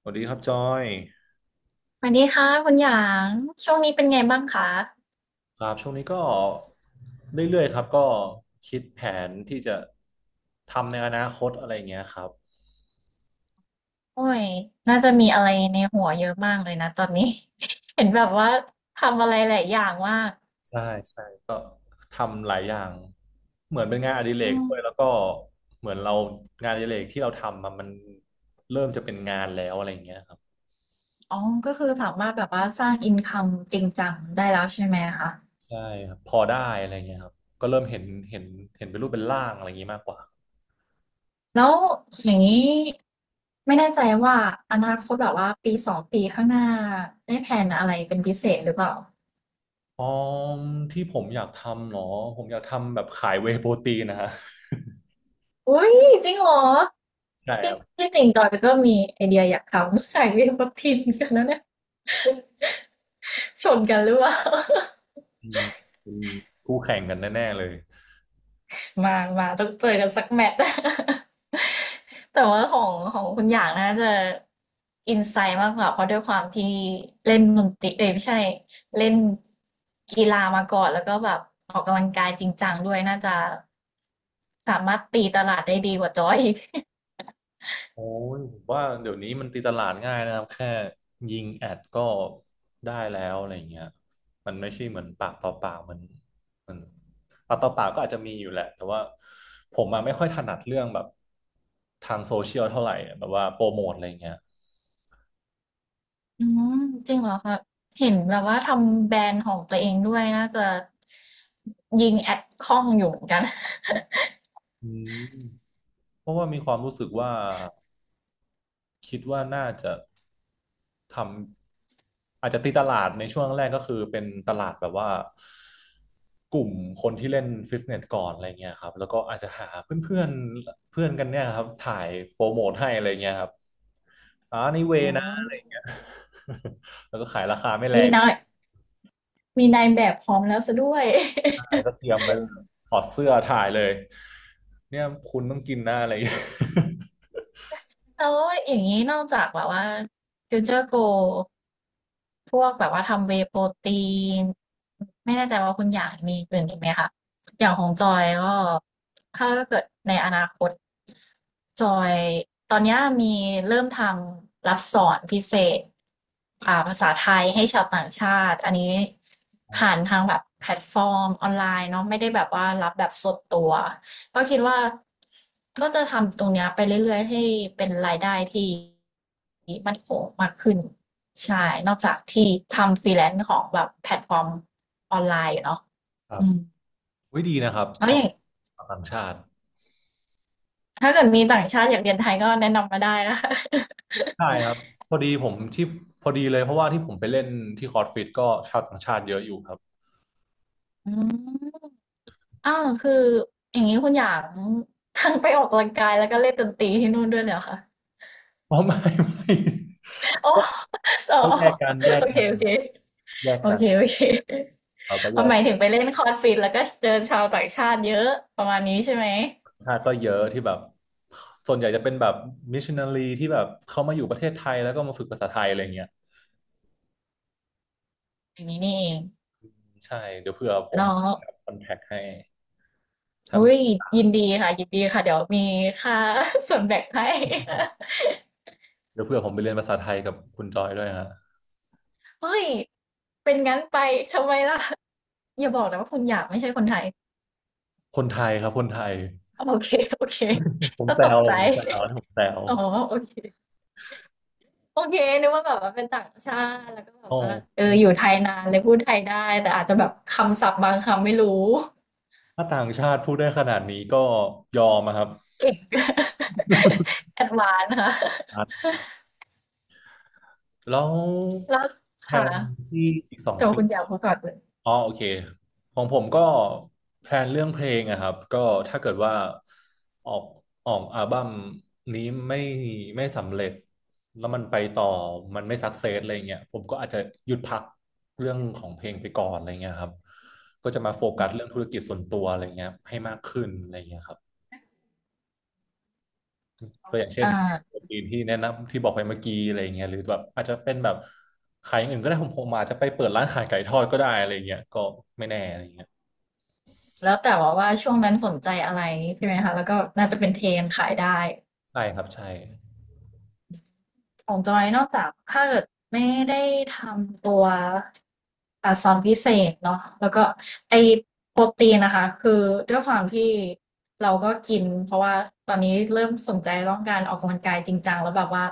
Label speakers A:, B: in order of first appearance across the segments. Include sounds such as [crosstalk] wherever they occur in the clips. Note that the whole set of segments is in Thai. A: สวัสดีครับจอย
B: สวัสดีค่ะคุณหยางช่วงนี้เป็นไงบ้างคะ
A: ครับช่วงนี้ก็เรื่อยๆครับก็คิดแผนที่จะทำในอนาคตอะไรอย่างเงี้ยครับ
B: โอ้ยน่าจะมีอะไรในหัวเยอะมากเลยนะตอนนี้ [laughs] เห็นแบบว่าทำอะไรหลายอย่างว่าก
A: ใช่ใช่ทำหลายอย่างเหมือนเป็นงานอดิเร
B: อื
A: ก
B: ม
A: ด้วยแล้วก็เหมือนเรางานอดิเรกที่เราทำอะมันเริ่มจะเป็นงานแล้วอะไรอย่างเงี้ยครับ
B: อ๋อก็คือสามารถแบบว่าสร้างอินคัมจริงจังได้แล้วใช่ไหมคะ
A: ใช่ครับพอได้อะไรอย่างเงี้ยครับก็เริ่มเห็นเห็นเป็นรูปเป็นร่างอะไรอย่างงี้มากกว่า
B: แล้วอย่างนี้ไม่แน่ใจว่าอนาคตแบบว่าปีสองปีข้างหน้าได้แผนอะไรเป็นพิเศษหรือเปล่า
A: อ๋อที่ผมอยากทำเหรอผมอยากทำแบบขายเวย์โปรตีนนะฮะ
B: อุ้ยจริงเหรอ
A: ใช่ค
B: ที่
A: รับ
B: ที่จริงจอยก็มีไอเดียอยากทำ [laughs] ขายเวทีเหมครับทอนกันแล้วเนี่ย ชนกันหรือเปล่า
A: อืมเป็นคู่แข่งกันแน่ๆเลย
B: มามาต้องเจอกันสักแมตช์ [laughs] แต่ว่าของคุณหยางน่าจะอินไซต์มากกว่าเพราะด้วยความที่เล่นดนตรีเอ้ยไม่ใช่เล่นกีฬามาก่อนแล้วก็แบบออกกำลังกายจริงจังด้วยน่าจะสามารถตีตลาดได้ดีกว่าจอยอีก
A: โอ้ยผมว่าเดี๋ยวนี้มันตีตลาดง่ายนะครับแค่ยิงแอดก็ได้แล้วอะไรอย่างเงี้ยมันไม่ใช่เหมือนปากต่อปากเหมันปากต่อปากก็อาจจะมีอยู่แหละแต่ว่าผมมาไม่ค่อยถนัดเรื่องแบบทางโซเชียลเท่าไหร่แบบว่าโปรโมทอะไรอย่างเงี้ย
B: อืมจริงเหรอคะเห็นแบบว่าทำแบรนด์ของตัวเองด้วยน่าจะยิงแอดคล่องอยู่เหมือนกัน
A: อืมเพราะว่ามีความรู้สึกว่าคิดว่าน่าจะทำ อาจจะตีตลาดในช่วงแรกก็คือเป็นตลาดแบบว่ากลุ่มคนที่เล่นฟิตเนสก่อนอะไรเงี้ยครับแล้วก็อาจจะหาเพื่อนเพื่อนเพื่อนกันเนี่ยครับถ่ายโปรโมทให้อะไรเงี้ยครับ
B: [laughs] อ๋อ
A: [laughs] แล้วก็ขายราคาไม่แร
B: มี
A: ง
B: แนว มีนายแบบพร้อมแล้วซสด้วย
A: อะไรก็
B: [laughs]
A: เตรียมไว้เลยถอดเสื้อถ่ายเลยเนี่ยคุณต้องกินหน้าอะไรเงี้ย
B: แล้วอย่างนี้นอกจากแบบว่า Future Go พวกแบบว่าทำ Whey Protein ไม่แน่ใจว่าคุณอย่างมีอื่นอีกไหมคะอย่างของจอยก็ถ้าเกิดในอนาคตจอยตอนเนี้ยมีเริ่มทำรับสอนพิเศษภาษาไทยให้ชาวต่างชาติอันนี้ผ่าน
A: [laughs]
B: ทางแบบแพลตฟอร์มออนไลน์เนาะไม่ได้แบบว่ารับแบบสดตัว ก็คิดว่าก็จะทำตรงเนี้ยไปเรื่อยๆให้เป็นรายได้ที่มั่นคงมากขึ้นใช่นอกจากที่ทำฟรีแลนซ์ของแบบแพลตฟอร์มออนไลน์อยู่เนาะ
A: ครับ
B: อืม
A: วิดีนะครับ
B: แล้
A: ส
B: ว
A: อ
B: อ
A: ง
B: ย่าง
A: ชาวต่างชาติ
B: ถ้าเกิดมีต่างชาติอยากเรียนไทยก็แนะนำมาได้นะคะ
A: ใช่ครับพอดีผมที่พอดีเลยเพราะว่าที่ผมไปเล่นที่คอร์สฟิตก็ชาวต่างชาติเยอะอยู่ครับ
B: อืมอ้าวคืออย่างนี้คุณอยากทั้งไปออกกำลังกายแล้วก็เล่นดนตรีที่นู่นด้วยเลยเหรอคะ
A: อ๋อไม่ไม่
B: โอ้
A: ก็
B: อ๋ [laughs] อ
A: ก็แยกกันแย
B: โอ
A: ก
B: เค
A: กัน
B: โอเค
A: แยก
B: โอ
A: กัน
B: เคโอเค
A: เราก็แย
B: เอา
A: ก
B: หมายถึงไปเล่นคอนฟิดแล้วก็เจอชาวต่างชาติเยอะประมาณนี้ใช่ไหม
A: ชาติก็เยอะที่แบบส่วนใหญ่จะเป็นแบบมิชชันนารีที่แบบเขามาอยู่ประเทศไทยแล้วก็มาฝึกภาษาไทยอะไรเงี้ย
B: อย่างนี้นี่เอง
A: ใช่เดี๋ยวเผื่อผ
B: แล้
A: ม
B: ว
A: คอนแทคให้ถ้า
B: อุ้
A: มี
B: ยยินดีค่ะยินดีค่ะเดี๋ยวมีค่า [laughs] ส่วนแบ่งให้ [laughs]
A: เดี๋ยวเผื่อผมไปเรียนภาษาไทยกับคุณจอยด้วยฮะ
B: เฮ้ยเป็นงั้นไปทำไมล่ะอย่าบอกนะว่าคุณอยากไม่ใช่คนไทย
A: คนไทยครับคนไทย
B: โอเคโอเค
A: ผม
B: ก็
A: แซ
B: ตก
A: ว
B: ใจ
A: ผมแซวผมแซว
B: [laughs] อ๋อโอเคโอเคนึกว่าแบบว่าเป็นต่างชาติแล้วก็แบ
A: โอ
B: บว่าเอ
A: ้
B: ออยู่ไทยนานเลยพูดไทยได้แต่อาจจะแบบคำศัพท์บางคำไม่รู้
A: ถ้าต่างชาติพูดได้ขนาดนี้ก็ยอมอะครับ
B: [laughs] เก่ง [laughs] แอดวานซ์ค่ะ
A: แล้ว
B: แล้ว
A: แท
B: ค่ะ
A: นที่อีกสอง
B: แต่ว่า
A: ปี
B: คุณอยากพูดก่อนเลย
A: อ๋อโอเคของผมก็แพลนเรื่องเพลงอะครับก็ถ้าเกิดว่าออกออกอัลบั้มนี้ไม่ไม่สำเร็จแล้วมันไปต่อมันไม่สักเซสอะไรเงี้ยผมก็อาจจะหยุดพักเรื่องของเพลงไปก่อนอะไรเงี้ยครับก็จะมาโฟกัสเรื่องธุรกิจส่วนตัวอะไรเงี้ยให้มากขึ้นอะไรเงี้ยครับก็อย่างเช่น
B: อ่า
A: ปีที่แนะนำที่บอกไปเมื่อกี้อะไรเงี้ยหรือแบบอาจจะเป็นแบบขายอย่างอื่นก็ได้ผมผมอาจจะไปเปิดร้านขายไก่ทอดก็ได้อะไรเงี้ยก็ไม่แน่อะไรเงี้ย
B: แล้วแต่ว่าว่าช่วงนั้นสนใจอะไรใช่ไหมคะแล้วก็น่าจะเป็นเทรนด์ขายได้
A: ใช่ครับใช่
B: ของจอยนอกจาก ถ้าเกิดไม่ได้ทำตัวซอนพิเศษเนาะแล้วก็ไอโปรตีนนะคะคือด้วยความที่เราก็กิน เพราะว่าตอนนี้เริ่มสนใจเรื่องการออกกำลังกายจริงจังแล้วแบบว่า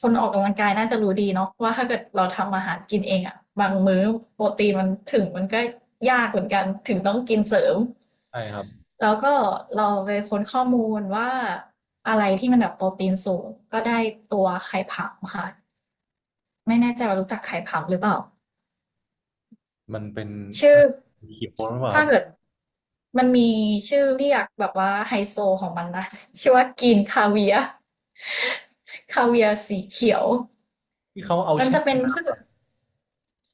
B: คนออกกำลังกายน่าจะรู้ดีเนาะว่าถ้าเกิดเราทำอาหารกินเองอะบางมื้อโปรตีนมันถึงมันก็ยากเหมือนกันถึงต้องกินเสริม
A: ใช่ครับ
B: แล้วก็เราไปค้นข้อมูลว่าอะไรที่มันแบบโปรตีนสูงก็ได้ตัวไข่ผำค่ะไม่แน่ใจว่ารู้จักไข่ผำหรือเปล่า
A: มันเป็นอ
B: ชื่อ
A: เขียวหรือเปล่าค
B: ถ้า
A: รับ
B: เกิดมันมีชื่อเรียกแบบว่าไฮโซของมันนะ [laughs] ชื่อว่ากินคาเวียร์คาเวียร์สีเขียว
A: ที่เขาเอา
B: มัน
A: แช่
B: จะเป็นพืช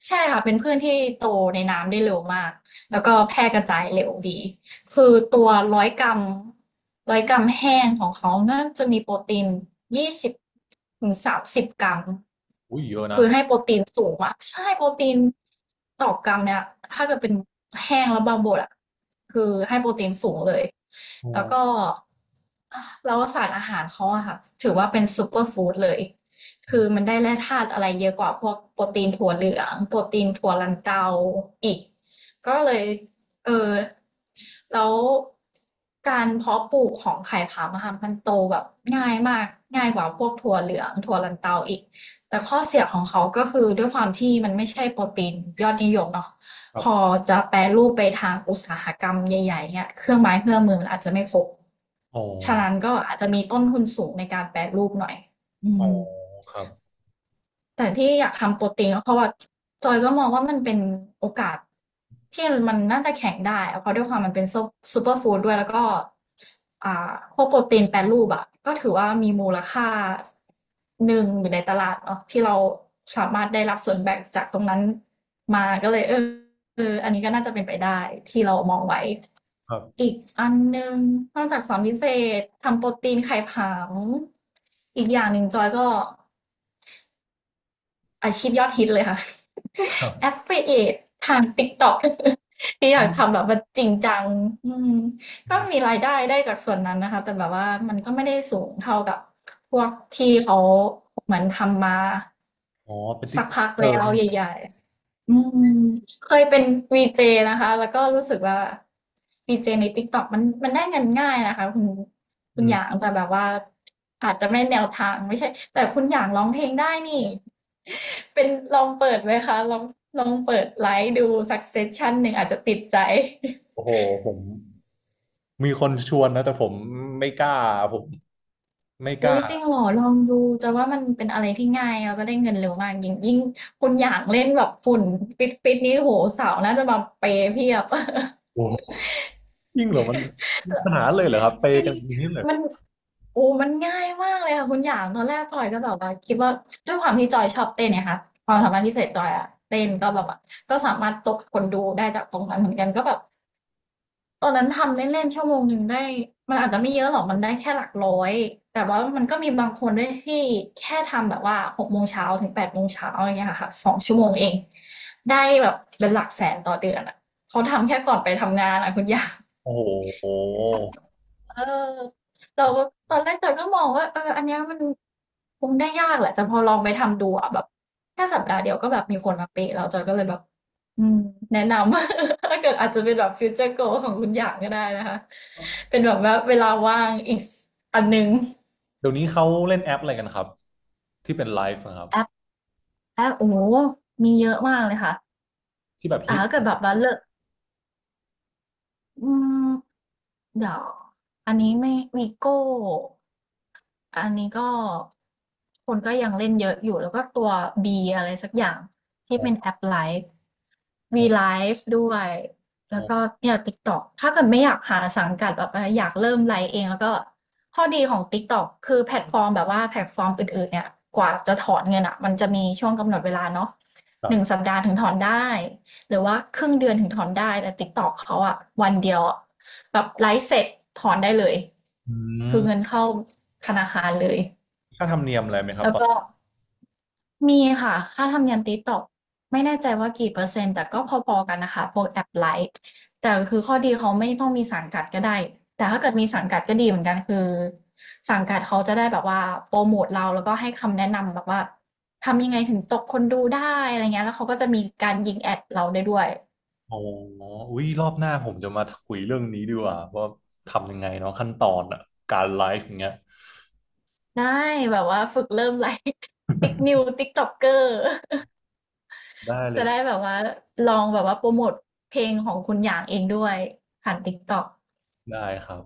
B: ใช่ค่ะเป็นพืชที่โตในน้ำได้เร็วมากแล้วก็แพร่กระจายเร็วดีคือตัวร้อยกรัม100 กรัมแห้งของเขาน่าจะมีโปรตีน20ถึง30 กรัม
A: อุ้ยเยอะนะ
B: คือให้โปรตีนสูงอะใช่โปรตีนต่อกรัมเนี่ยถ้าเกิดเป็นแห้งแล้วบางบดอะคือให้โปรตีนสูงเลย
A: โอ
B: แล้วก็
A: ้
B: แล้วสารอาหารเขาอะค่ะถือว่าเป็นซูเปอร์ฟู้ดเลย คือมันได้แร่ธาตุอะไรเยอะกว่าพวกโปรตีนถั่วเหลืองโปรตีนถั่วลันเตาอีกก็เลยเออแล้วการเพาะปลูกของไข่ผามะค่ะมันโตแบบง่ายมากง่ายกว่าพวกถั่วเหลืองถั่วลันเตาอีกแต่ข้อเสียของเขาก็คือด้วยความที่มันไม่ใช่โปรตีนยอดนิยมเนาะ
A: ครั
B: พอ
A: บ
B: จะแปรรูปไปทางอุตสาหกรรมใหญ่ๆเนี่ยเครื่องไม้เครื่องมือมันอาจจะไม่ครบ
A: อ๋อ
B: ฉะนั้นก็อาจจะมีต้นทุนสูงในการแปรรูปหน่อยอื
A: อ๋อ
B: ม
A: ครับ
B: แต่ที่อยากทำโปรตีนก็เพราะว่าจอยก็มองว่ามันเป็นโอกาสที่มันน่าจะแข็งได้อเพราะด้วยความมันเป็นซุปูเปอร์ฟู้ดด้วยแล้วก็พวกโปรตีนแปรรูปอะก็ถือว่ามีมูลค่าหนึ่งอยู่ในตลาดเนาะที่เราสามารถได้รับส่วนแบ่งจากตรงนั้นมาก็เลยเอออันนี้ก็น่าจะเป็นไปได้ที่เรามองไว้
A: ครับ
B: อีกอันหนึ่งนอกจากสอนพิเศษทำโปรตีนไข่ผงอีกอย่างหนึ่งจอยก็ อาชีพยอดฮิตเลยค่ะ
A: ครั
B: [laughs]
A: บ
B: Affiliate ทาง TikTok [laughs] ที่อ
A: อ๋
B: ยากทำแบ
A: อ
B: บว่าจริงจังอืมก็มีรายได้ได้จากส่วนนั้นนะคะแต่แบบว่ามันก็ไม่ได้สูงเท่ากับพวกที่เขาเหมือนทำมา
A: อ๋อเป็นติ๊ก
B: สักพัก
A: เออ
B: แล้
A: ร์
B: ว
A: นี่
B: ใหญ่ๆอืมเคยเป็นวีเจนะคะแล้วก็รู้สึกว่าวีเจใน TikTok มันได้เงินง่ายนะคะคุณ
A: อื
B: ห
A: ม
B: ยางแต่แบบว่าอาจจะไม่แนวทางไม่ใช่แต่คุณหยางร้องเพลงได้นี่ เป็นลองเปิดไหมคะลองเปิดไลฟ์ดูสักเซสชั่นหนึ่งอาจจะติดใจ
A: โอ้
B: [laughs]
A: โหผมมีคนชวนนะแต่ผมไม่กล้าผมไม่ก
B: อุ้
A: ล้า
B: ยจริงเหรอลองดูจะว่ามันเป็นอะไรที่ง่ายแล้วก็ได้เงินเร็วมากยิ่งคุณอยากเล่นแบบฝุ่นปิดนี้โหสาวน่าจะมาเปย์เพียบ
A: โอ้โหยิ่งเหรอมันขนาดนั้นเลยเหรอครับเป
B: [laughs] จ
A: ย์
B: ริง
A: กันอย่างนี้เลยเหรอ
B: มันโอ้มันง่ายมากเลยค่ะคุณอยากตอนแรกจอยก็แบบว่าคิดว่าด้วยความที่จอยชอบเต้นเนี่ยค่ะความสามารถพิเศษจอยอะเต้นก็แบบว่าก็สามารถตกคนดูได้จากตรงนั้นเหมือนกันก็แบบ ตอนนั้นทำเล่นๆชั่วโมงหนึ่งได้มันอาจจะไม่เยอะหรอกมันได้แค่หลักร้อยแต่ว่ามันก็มีบางคนด้วยที่แค่ทำแบบว่าหกโมงเช้าถึงแปดโมงเช้าอย่างเงี้ยค่ะสองชั่วโมงเองได้แบบเป็นหลักแสนต่อเดือนอ่ะเขาทำแค่ก่อนไปทำงานอ่ะคุณย่า
A: โอ้โห
B: เออเราก็ตอนแรกเราก็มองว่าเอออันเนี้ยมันคงได้ยากแหละแต่พอลองไปทำดูอะแบบแค่สัปดาห์เดียวก็แบบมีคนมาเปะเราจอยก็เลยแบบอืมแนะนำ [laughs] ถ้าเกิดอาจจะเป็นแบบฟิวเจอร์โกของคุณอย่างก็ได้นะคะเป็นแบบว่าเวลาว่างอีกอันนึง
A: เดี๋ยวนี้เขาเล่นแอปอะไรกันครับที่เป็นไลฟ์อะครับ
B: แอปแอปโอ้โหมีเยอะมากเลยค่ะ
A: ที่แบบ
B: แต่
A: ฮิต
B: ถ้าเกิดแบบว่าเลิก อืมเดี๋ยวอันนี้ไม่วีโก้อันนี้ก็คนก็ยังเล่นเยอะอยู่แล้วก็ตัว B อะไรสักอย่างที่
A: อ๋อ
B: เป็นแอปไลฟ์
A: อ๋
B: V l
A: อ
B: i ฟ e ด้วยแล้
A: อ๋อ
B: วก็เนี่ย TikTok ถ้าเกิดไม่อยากหาสังกัดแบบว่าอยากเริ่มไลฟ์เองแล้วก็ข้อดีของ TikTok คือแพลตฟอร์มแบบว่าแพลตฟอร์มอื่นๆเนี่ยกว่าจะถอนเงินอ่ะมันจะมีช่วงกำหนดเวลาเนาะ
A: ครั
B: หนึ่งสัป
A: บ
B: ดาห์ถึงถอนได้ หรือว่าครึ่งเดือนถึงถอนได้แต่ TikTok เขาอะวันเดียวแบบไลฟ์เสร็จถอนได้เลย
A: อื
B: คือเงิน
A: ม
B: เข้าธนาคารเลย
A: ค่าธรรมเนียมอะไรไหมครับ
B: แล้ว
A: ตอน
B: ก็มีค่ะค่าธรรมเนียม TikTok ไม่แน่ใจว่ากี่เปอร์เซ็นต์แต่ก็พอๆกันนะคะพวกแอปไลฟ์แต่คือข้อดีเขาไม่ต้องมีสังกัดก็ได้แต่ถ้าเกิดมีสังกัดก็ดีเหมือนกันคือสังกัดเขาจะได้แบบว่าโปรโมทเราแล้วก็ให้คำแนะนำแบบว่าทำยังไงถึงตกคนดูได้อะไรเงี้ยแล้วเขาก็จะมีการยิงแอดเราได้ด้วย
A: อ๋ออุ้ยรอบหน้าผมจะมาคุยเรื่องนี้ดีกว่าว่าทำยังไงเนาะขั้นตอนอะการไลฟ์อย่างเงี้ย
B: ได้แบบว่าฝึกเริ่มไลฟ์ [laughs] ติ๊กนิวติกต็อกเกอร์ [laughs]
A: ได้เล
B: จะ
A: ยครั
B: ได้แบ
A: บ
B: บว่าลองแบบว่าโปรโมตเพลงของคุณหยางเองด้วยผ่านต๊กต็อก
A: ได้ครับ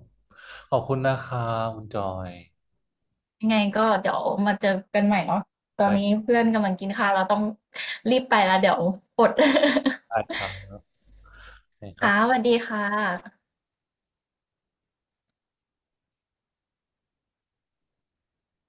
A: ขอบคุณนะครับคุณจอย
B: ยังไงก็เดี๋ยวมาเจอกันใหม่เนาะตอ
A: ได
B: นนี้
A: ้
B: เพื่อนกำลังกินข้าวเราต้องรีบไปแล้วเดี๋ยวอด [laughs]
A: ได้ครับได้ครั
B: ค่ะ
A: บ
B: สวัสดีค่ะ